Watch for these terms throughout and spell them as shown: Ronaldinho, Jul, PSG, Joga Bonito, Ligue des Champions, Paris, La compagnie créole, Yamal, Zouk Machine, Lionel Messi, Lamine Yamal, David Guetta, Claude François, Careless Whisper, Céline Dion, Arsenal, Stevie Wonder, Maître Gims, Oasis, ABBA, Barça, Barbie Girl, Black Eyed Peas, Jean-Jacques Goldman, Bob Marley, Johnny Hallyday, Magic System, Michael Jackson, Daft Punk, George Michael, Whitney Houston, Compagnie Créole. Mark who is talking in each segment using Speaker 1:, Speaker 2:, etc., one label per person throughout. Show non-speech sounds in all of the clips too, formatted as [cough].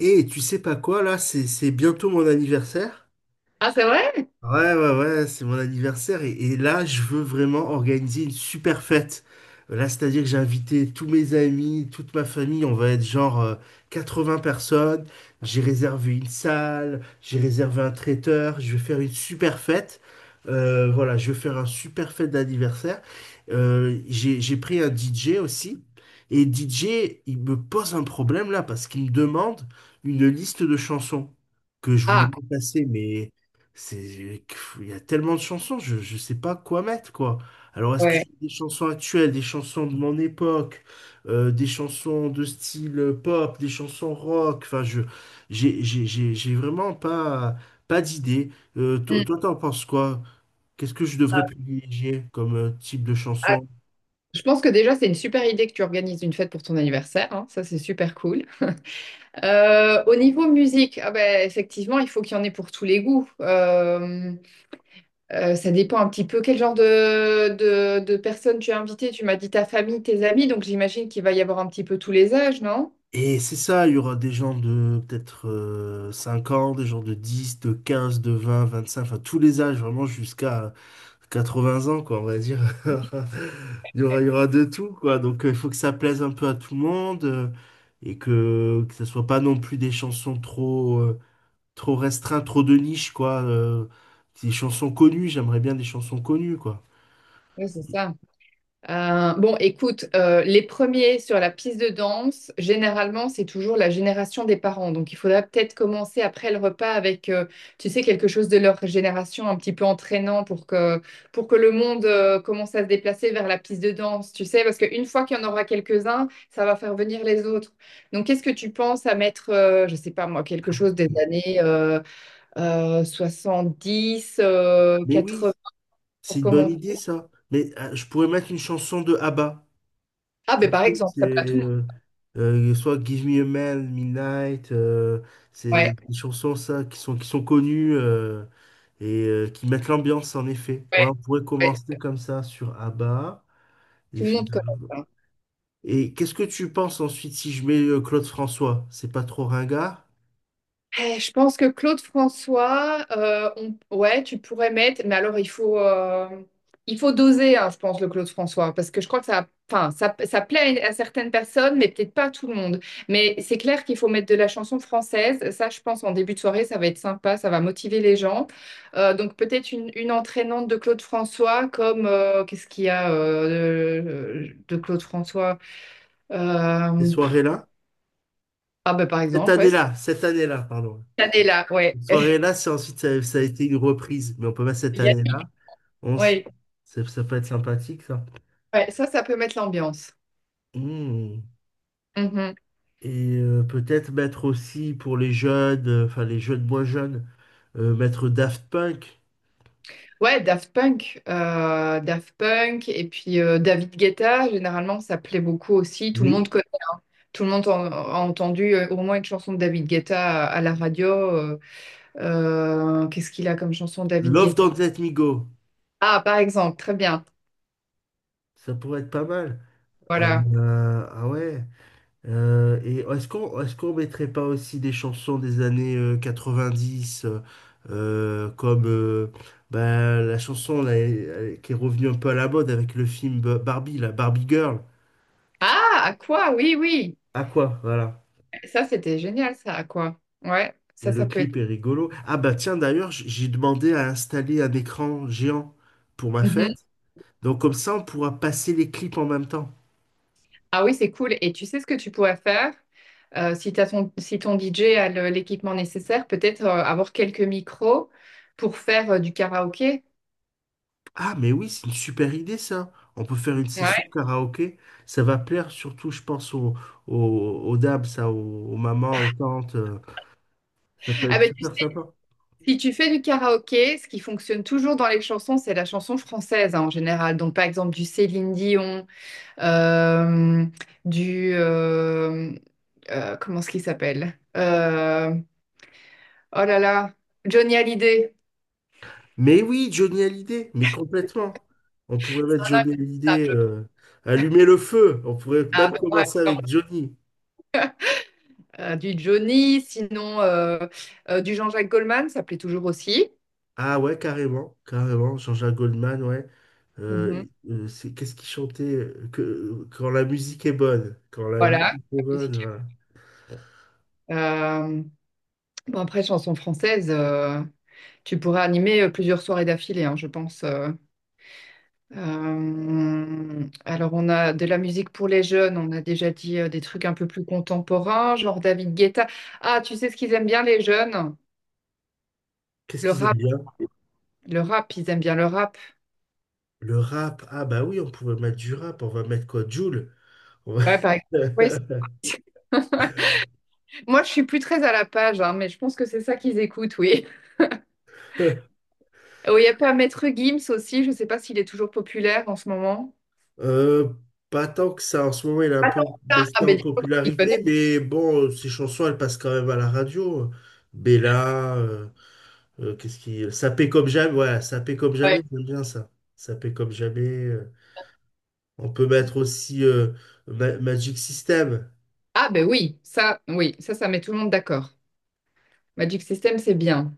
Speaker 1: Et tu sais pas quoi, là, c'est bientôt mon anniversaire.
Speaker 2: Ah, c'est vrai?
Speaker 1: Ouais, ouais, ouais, c'est mon anniversaire et là, je veux vraiment organiser une super fête. Là, c'est-à-dire que j'ai invité tous mes amis, toute ma famille, on va être genre vingts personnes. J'ai réservé une salle, j'ai réservé un traiteur, je vais faire une super fête. Voilà, je vais faire un super fête d'anniversaire. J'ai pris un DJ aussi et DJ, il me pose un problème là parce qu'il me demande une liste de chansons que je voudrais
Speaker 2: Ah,
Speaker 1: passer, mais... C'est, il y a tellement de chansons, je ne sais pas quoi mettre, quoi. Alors, est-ce que
Speaker 2: ouais.
Speaker 1: j'ai des chansons actuelles, des chansons de mon époque, des chansons de style pop, des chansons rock? Enfin, j'ai vraiment pas d'idée.
Speaker 2: Hmm.
Speaker 1: Toi, t'en penses quoi? Qu'est-ce que je devrais privilégier comme type de
Speaker 2: Ah,
Speaker 1: chanson?
Speaker 2: je pense que déjà, c'est une super idée que tu organises une fête pour ton anniversaire, hein. Ça, c'est super cool. Au niveau musique, ah ben, effectivement, il faut qu'il y en ait pour tous les goûts. Ça dépend un petit peu quel genre de personnes tu as invitées. Tu m'as dit ta famille, tes amis, donc j'imagine qu'il va y avoir un petit peu tous les âges, non?
Speaker 1: Et c'est ça, il y aura des gens de peut-être 5 ans, des gens de 10, de 15, de 20, 25, enfin tous les âges, vraiment jusqu'à 80 ans, quoi, on va dire. [laughs] Il y aura de tout, quoi. Donc il faut que ça plaise un peu à tout le monde et que ce soit pas non plus des chansons trop restreintes, trop de niche, quoi. Des chansons connues, j'aimerais bien des chansons connues, quoi.
Speaker 2: Oui, c'est ça. Bon, écoute, les premiers sur la piste de danse, généralement, c'est toujours la génération des parents. Donc, il faudra peut-être commencer après le repas avec, tu sais, quelque chose de leur génération un petit peu entraînant pour que le monde, commence à se déplacer vers la piste de danse, tu sais, parce qu'une fois qu'il y en aura quelques-uns, ça va faire venir les autres. Donc, qu'est-ce que tu penses à mettre, je sais pas moi, quelque
Speaker 1: Ah
Speaker 2: chose des
Speaker 1: oui.
Speaker 2: années 70,
Speaker 1: Mais oui,
Speaker 2: 80
Speaker 1: c'est
Speaker 2: pour
Speaker 1: une bonne
Speaker 2: commencer?
Speaker 1: idée, ça. Mais je pourrais mettre une chanson de ABBA.
Speaker 2: Ah,
Speaker 1: Je
Speaker 2: ben par
Speaker 1: sais que
Speaker 2: exemple,
Speaker 1: c'est
Speaker 2: ça peut à tout le monde.
Speaker 1: euh, soit Give Me a Man, Midnight, c'est
Speaker 2: Ouais,
Speaker 1: des chansons ça, qui sont connues et qui mettent l'ambiance en effet. Ouais,
Speaker 2: ouais,
Speaker 1: on pourrait
Speaker 2: ouais.
Speaker 1: commencer comme ça sur ABBA.
Speaker 2: Tu
Speaker 1: Et,
Speaker 2: les as de connaître, hein.
Speaker 1: et qu'est-ce que tu penses ensuite si je mets Claude François? C'est pas trop ringard,
Speaker 2: Eh, je pense que Claude François, ouais, tu pourrais mettre, mais alors il faut doser, hein, je pense, le Claude François, parce que je crois que ça, enfin, ça plaît à certaines personnes, mais peut-être pas à tout le monde. Mais c'est clair qu'il faut mettre de la chanson française. Ça, je pense, en début de soirée, ça va être sympa, ça va motiver les gens. Donc peut-être une entraînante de Claude François, comme qu'est-ce qu'il y a de Claude François?
Speaker 1: ces
Speaker 2: Euh,
Speaker 1: soirées-là?
Speaker 2: ah ben par exemple, ouais, cette
Speaker 1: Cette année-là, pardon.
Speaker 2: année-là, ouais.
Speaker 1: Cette
Speaker 2: [laughs]
Speaker 1: soirée-là, c'est ensuite ça a été une reprise, mais on peut mettre cette année-là. On s-
Speaker 2: Oui,
Speaker 1: ça peut être sympathique ça.
Speaker 2: ouais, ça peut mettre l'ambiance.
Speaker 1: Hmm.
Speaker 2: Mhm.
Speaker 1: Et peut-être mettre aussi pour les jeunes, enfin les jeunes moins jeunes, mettre Daft Punk.
Speaker 2: Ouais, Daft Punk, Daft Punk, et puis David Guetta, généralement, ça plaît beaucoup aussi. Tout
Speaker 1: Mais
Speaker 2: le monde
Speaker 1: oui,
Speaker 2: connaît, tout le monde a entendu au moins une chanson de David Guetta à la radio. Qu'est-ce qu'il a comme chanson, David
Speaker 1: Love
Speaker 2: Guetta?
Speaker 1: Don't Let Me Go.
Speaker 2: Ah, par exemple, très bien.
Speaker 1: Ça pourrait être pas mal.
Speaker 2: Voilà.
Speaker 1: Ah ouais. Et est-ce qu'on mettrait pas aussi des chansons des années 90 comme bah, la chanson là, qui est revenue un peu à la mode avec le film Barbie, la Barbie Girl.
Speaker 2: Ah, à quoi? Oui, oui.
Speaker 1: À quoi? Voilà.
Speaker 2: Ça, c'était génial, ça, à quoi? Ouais,
Speaker 1: Et
Speaker 2: ça,
Speaker 1: le
Speaker 2: ça peut être.
Speaker 1: clip est rigolo. Ah bah tiens, d'ailleurs, j'ai demandé à installer un écran géant pour ma fête. Donc comme ça, on pourra passer les clips en même temps.
Speaker 2: Ah oui, c'est cool. Et tu sais ce que tu pourrais faire? Si t'as ton, si ton DJ a l'équipement nécessaire, peut-être avoir quelques micros pour faire du karaoké.
Speaker 1: Ah mais oui, c'est une super idée ça. On peut faire une session
Speaker 2: Ouais.
Speaker 1: karaoké. Ça va plaire surtout, je pense, aux, aux dames, ça, aux mamans, aux tantes. Ça peut
Speaker 2: Ah
Speaker 1: être
Speaker 2: ben, tu sais,
Speaker 1: super sympa.
Speaker 2: si tu fais du karaoké, ce qui fonctionne toujours dans les chansons, c'est la chanson française hein, en général. Donc par exemple du Céline Dion, euh, du... euh, comment est-ce qu'il s'appelle? Oh là là, Johnny Hallyday.
Speaker 1: Mais oui, Johnny Hallyday, mais complètement. On pourrait mettre Johnny
Speaker 2: Ah,
Speaker 1: Hallyday,
Speaker 2: je-
Speaker 1: allumer le feu. On pourrait
Speaker 2: ah,
Speaker 1: même
Speaker 2: ben, ouais.
Speaker 1: commencer avec Johnny.
Speaker 2: Du Johnny, sinon du Jean-Jacques Goldman, ça plaît toujours aussi.
Speaker 1: Ah ouais, carrément, carrément, Jean-Jacques Goldman, ouais.
Speaker 2: Mhm.
Speaker 1: C'est qu'est-ce qu'il chantait quand la musique est bonne, quand la
Speaker 2: Voilà,
Speaker 1: musique est
Speaker 2: la
Speaker 1: bonne,
Speaker 2: musique.
Speaker 1: voilà.
Speaker 2: Euh, bon, après, chanson française, tu pourrais animer plusieurs soirées d'affilée, hein, je pense. Alors, on a de la musique pour les jeunes, on a déjà dit des trucs un peu plus contemporains, genre David Guetta. Ah, tu sais ce qu'ils aiment bien, les jeunes?
Speaker 1: Qu'est-ce
Speaker 2: Le
Speaker 1: qu'ils
Speaker 2: rap,
Speaker 1: aiment bien?
Speaker 2: le rap, ils aiment bien le rap.
Speaker 1: Le rap. Ah bah oui, on pourrait mettre du rap, on va mettre quoi? Jul. On va-
Speaker 2: Ouais, par exemple. Oui, ça. Moi, je suis plus très à la page, hein, mais je pense que c'est ça qu'ils écoutent, oui.
Speaker 1: [laughs]
Speaker 2: Oh, il y a pas Maître Gims aussi, je sais pas s'il est toujours populaire en ce moment.
Speaker 1: Euh, Pas tant que ça. En ce moment, il a un peu
Speaker 2: Attends, ah,
Speaker 1: baissé
Speaker 2: ah,
Speaker 1: en
Speaker 2: ben, dis donc, tu t'y connais,
Speaker 1: popularité, mais bon, ses chansons, elles passent quand même à la radio. Bella, Sapé comme jamais, voilà, Sapé comme
Speaker 2: ouais.
Speaker 1: jamais, j'aime bien ça. Sapé comme jamais. On peut mettre aussi Magic System.
Speaker 2: Ah, ben oui, ça met tout le monde d'accord. Magic System, c'est bien.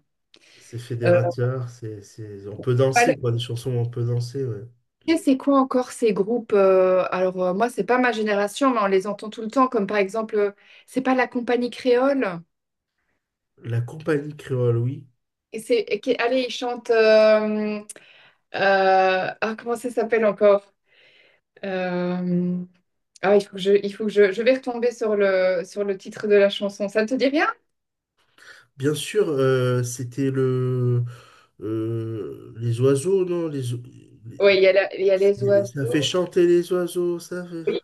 Speaker 1: C'est
Speaker 2: Euh,
Speaker 1: fédérateur, on peut danser,
Speaker 2: alors,
Speaker 1: quoi, des chansons où on peut danser. Ouais.
Speaker 2: c'est quoi encore ces groupes? Moi, c'est pas ma génération, mais on les entend tout le temps, comme par exemple, c'est pas la compagnie créole?
Speaker 1: La compagnie créole, oui.
Speaker 2: Et c'est, et allez, ils chantent, ah, comment ça s'appelle encore? Euh, ah, il faut que je, il faut que je vais retomber sur le titre de la chanson. Ça ne te dit rien?
Speaker 1: Bien sûr, c'était le... les oiseaux, non? Les...
Speaker 2: Oui, il y a il y a les
Speaker 1: Ça fait
Speaker 2: oiseaux.
Speaker 1: chanter les oiseaux, ça fait...
Speaker 2: Oui.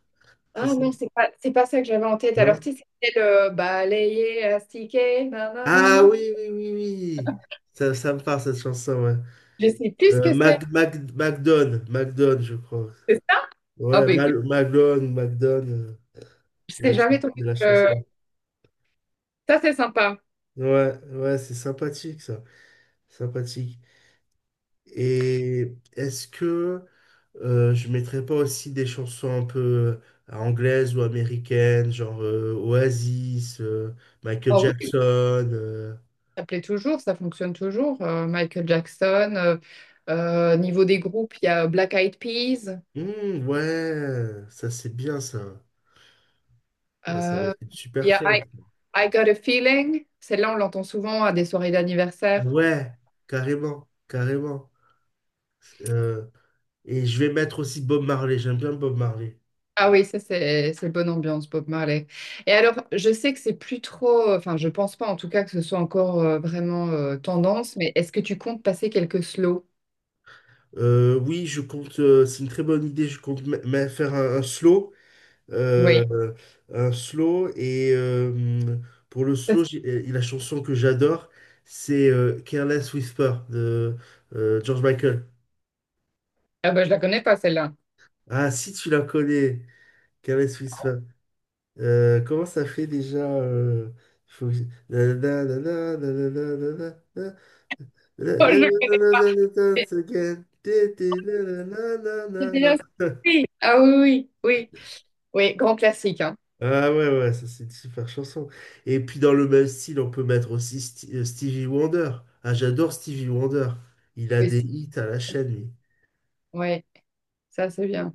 Speaker 1: C'est
Speaker 2: Ah
Speaker 1: ça?
Speaker 2: non, c'est pas ça que j'avais en tête. Alors,
Speaker 1: Non?
Speaker 2: tu sais, c'était le balayer, astiquer,
Speaker 1: Ah
Speaker 2: nanana.
Speaker 1: oui, oui, oui, oui. Ça me parle, cette chanson, ouais.
Speaker 2: Je sais plus ce que c'est.
Speaker 1: Mac, Mac, MacDonne, MacDonne, je crois.
Speaker 2: C'est ça? Ah
Speaker 1: Ouais,
Speaker 2: bah écoute,
Speaker 1: Mal, Maglone, MacDonne,
Speaker 2: je
Speaker 1: la-
Speaker 2: serais jamais tombée
Speaker 1: de
Speaker 2: sur
Speaker 1: la
Speaker 2: le...
Speaker 1: chanson.
Speaker 2: Ça, c'est sympa.
Speaker 1: Ouais, ouais, c'est sympathique, ça. Sympathique. Et est-ce que je mettrais pas aussi des chansons un peu anglaises ou américaines, genre Oasis, Michael
Speaker 2: Oh oui,
Speaker 1: Jackson euh,
Speaker 2: ça plaît toujours, ça fonctionne toujours. Michael Jackson, niveau des groupes, il y a Black Eyed Peas,
Speaker 1: mmh, ouais, ça c'est bien ça. Ouais, ça va
Speaker 2: euh,
Speaker 1: être une
Speaker 2: il
Speaker 1: super
Speaker 2: y a I,
Speaker 1: fête.
Speaker 2: I Got a Feeling. Celle-là, on l'entend souvent à des soirées
Speaker 1: Ah
Speaker 2: d'anniversaire.
Speaker 1: ouais, carrément, carrément. Euh, et je vais mettre aussi Bob Marley, j'aime bien Bob Marley.
Speaker 2: Ah oui, ça c'est bonne ambiance, Bob Marley. Et alors, je sais que c'est plus trop, enfin, je pense pas en tout cas que ce soit encore vraiment tendance, mais est-ce que tu comptes passer quelques slow?
Speaker 1: Oui, je compte, c'est une très bonne idée, je compte me faire un slow.
Speaker 2: Oui.
Speaker 1: euh, un slow, et pour le
Speaker 2: Ça,
Speaker 1: slow, la chanson que j'adore, c'est Careless Whisper de George Michael.
Speaker 2: ah bah, je la connais pas celle-là.
Speaker 1: Ah, si tu la connais, Careless Whisper. Comment ça fait déjà il faut que je- Nanana, nanana, nanana,
Speaker 2: Oh, je connais.
Speaker 1: nanana, again. Tété, nanana,
Speaker 2: C'est
Speaker 1: nanana.
Speaker 2: bien oui. Ah oui, oui, oui, oui, grand classique, hein.
Speaker 1: Ah ouais, ouais, ça c'est une super chanson. Et puis dans le même style, on peut mettre aussi Stevie Wonder. Ah, j'adore Stevie Wonder. Il a
Speaker 2: Oui,
Speaker 1: des hits à la chaîne, lui.
Speaker 2: ouais, ça c'est bien.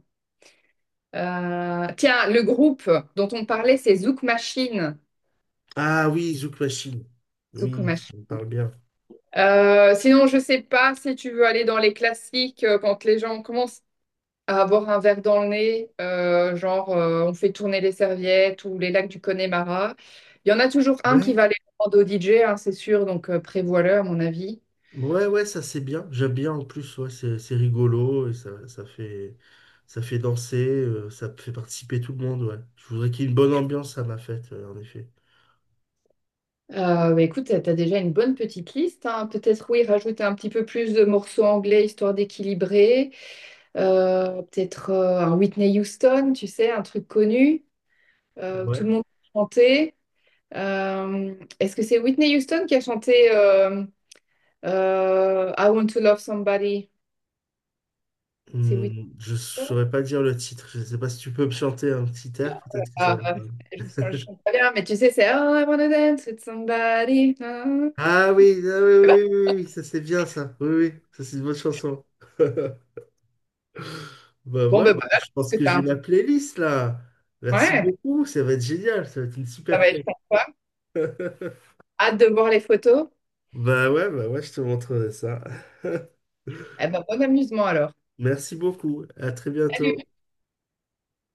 Speaker 2: Tiens, le groupe dont on parlait, c'est Zouk Machine.
Speaker 1: Ah oui, Zouk Machine.
Speaker 2: Zouk
Speaker 1: Oui,
Speaker 2: Machine.
Speaker 1: ça me parle bien.
Speaker 2: Sinon, je sais pas si tu veux aller dans les classiques quand les gens commencent à avoir un verre dans le nez, genre on fait tourner les serviettes ou les lacs du Connemara. Il y en a toujours un qui
Speaker 1: Ouais.
Speaker 2: va aller le rendre au DJ, hein, c'est sûr, donc prévois-le à mon avis.
Speaker 1: Ouais, ouais, ça c'est bien. J'aime bien en plus, ouais, c'est rigolo et ça, ça fait danser, ça fait participer tout le monde, ouais. Je voudrais qu'il y ait une bonne ambiance à ma fête, en effet.
Speaker 2: Bah, écoute, t'as déjà une bonne petite liste, hein. Peut-être, oui, rajouter un petit peu plus de morceaux anglais histoire d'équilibrer. Peut-être un Whitney Houston, tu sais, un truc connu, où
Speaker 1: Ouais.
Speaker 2: tout le monde peut chanter. Est-ce que c'est Whitney Houston qui a chanté I Want to Love Somebody? C'est Whitney.
Speaker 1: Hmm, je saurais pas dire le titre. Je sais pas si tu peux me chanter un petit air, peut-être que ça
Speaker 2: Ah, bah,
Speaker 1: va.
Speaker 2: je chante pas bien, mais tu sais, c'est Oh, I wanna dance with somebody. Ah.
Speaker 1: Ah oui, ah oui, oui, oui, oui, oui, ça c'est bien ça. Oui, oui, ça c'est une bonne chanson. [laughs] Bah
Speaker 2: Bon, ben
Speaker 1: voilà,
Speaker 2: voilà, je
Speaker 1: je
Speaker 2: pense
Speaker 1: pense
Speaker 2: que
Speaker 1: que
Speaker 2: t'as
Speaker 1: j'ai
Speaker 2: un...
Speaker 1: ma playlist là. Merci
Speaker 2: Ouais,
Speaker 1: beaucoup, ça va être génial, ça va être une
Speaker 2: ça
Speaker 1: super
Speaker 2: va être
Speaker 1: fête.
Speaker 2: sympa.
Speaker 1: [laughs]
Speaker 2: Hâte de voir les photos.
Speaker 1: Bah ouais, je te montrerai ça. [laughs]
Speaker 2: Eh ben, bon amusement alors.
Speaker 1: Merci beaucoup. À très bientôt.
Speaker 2: Salut!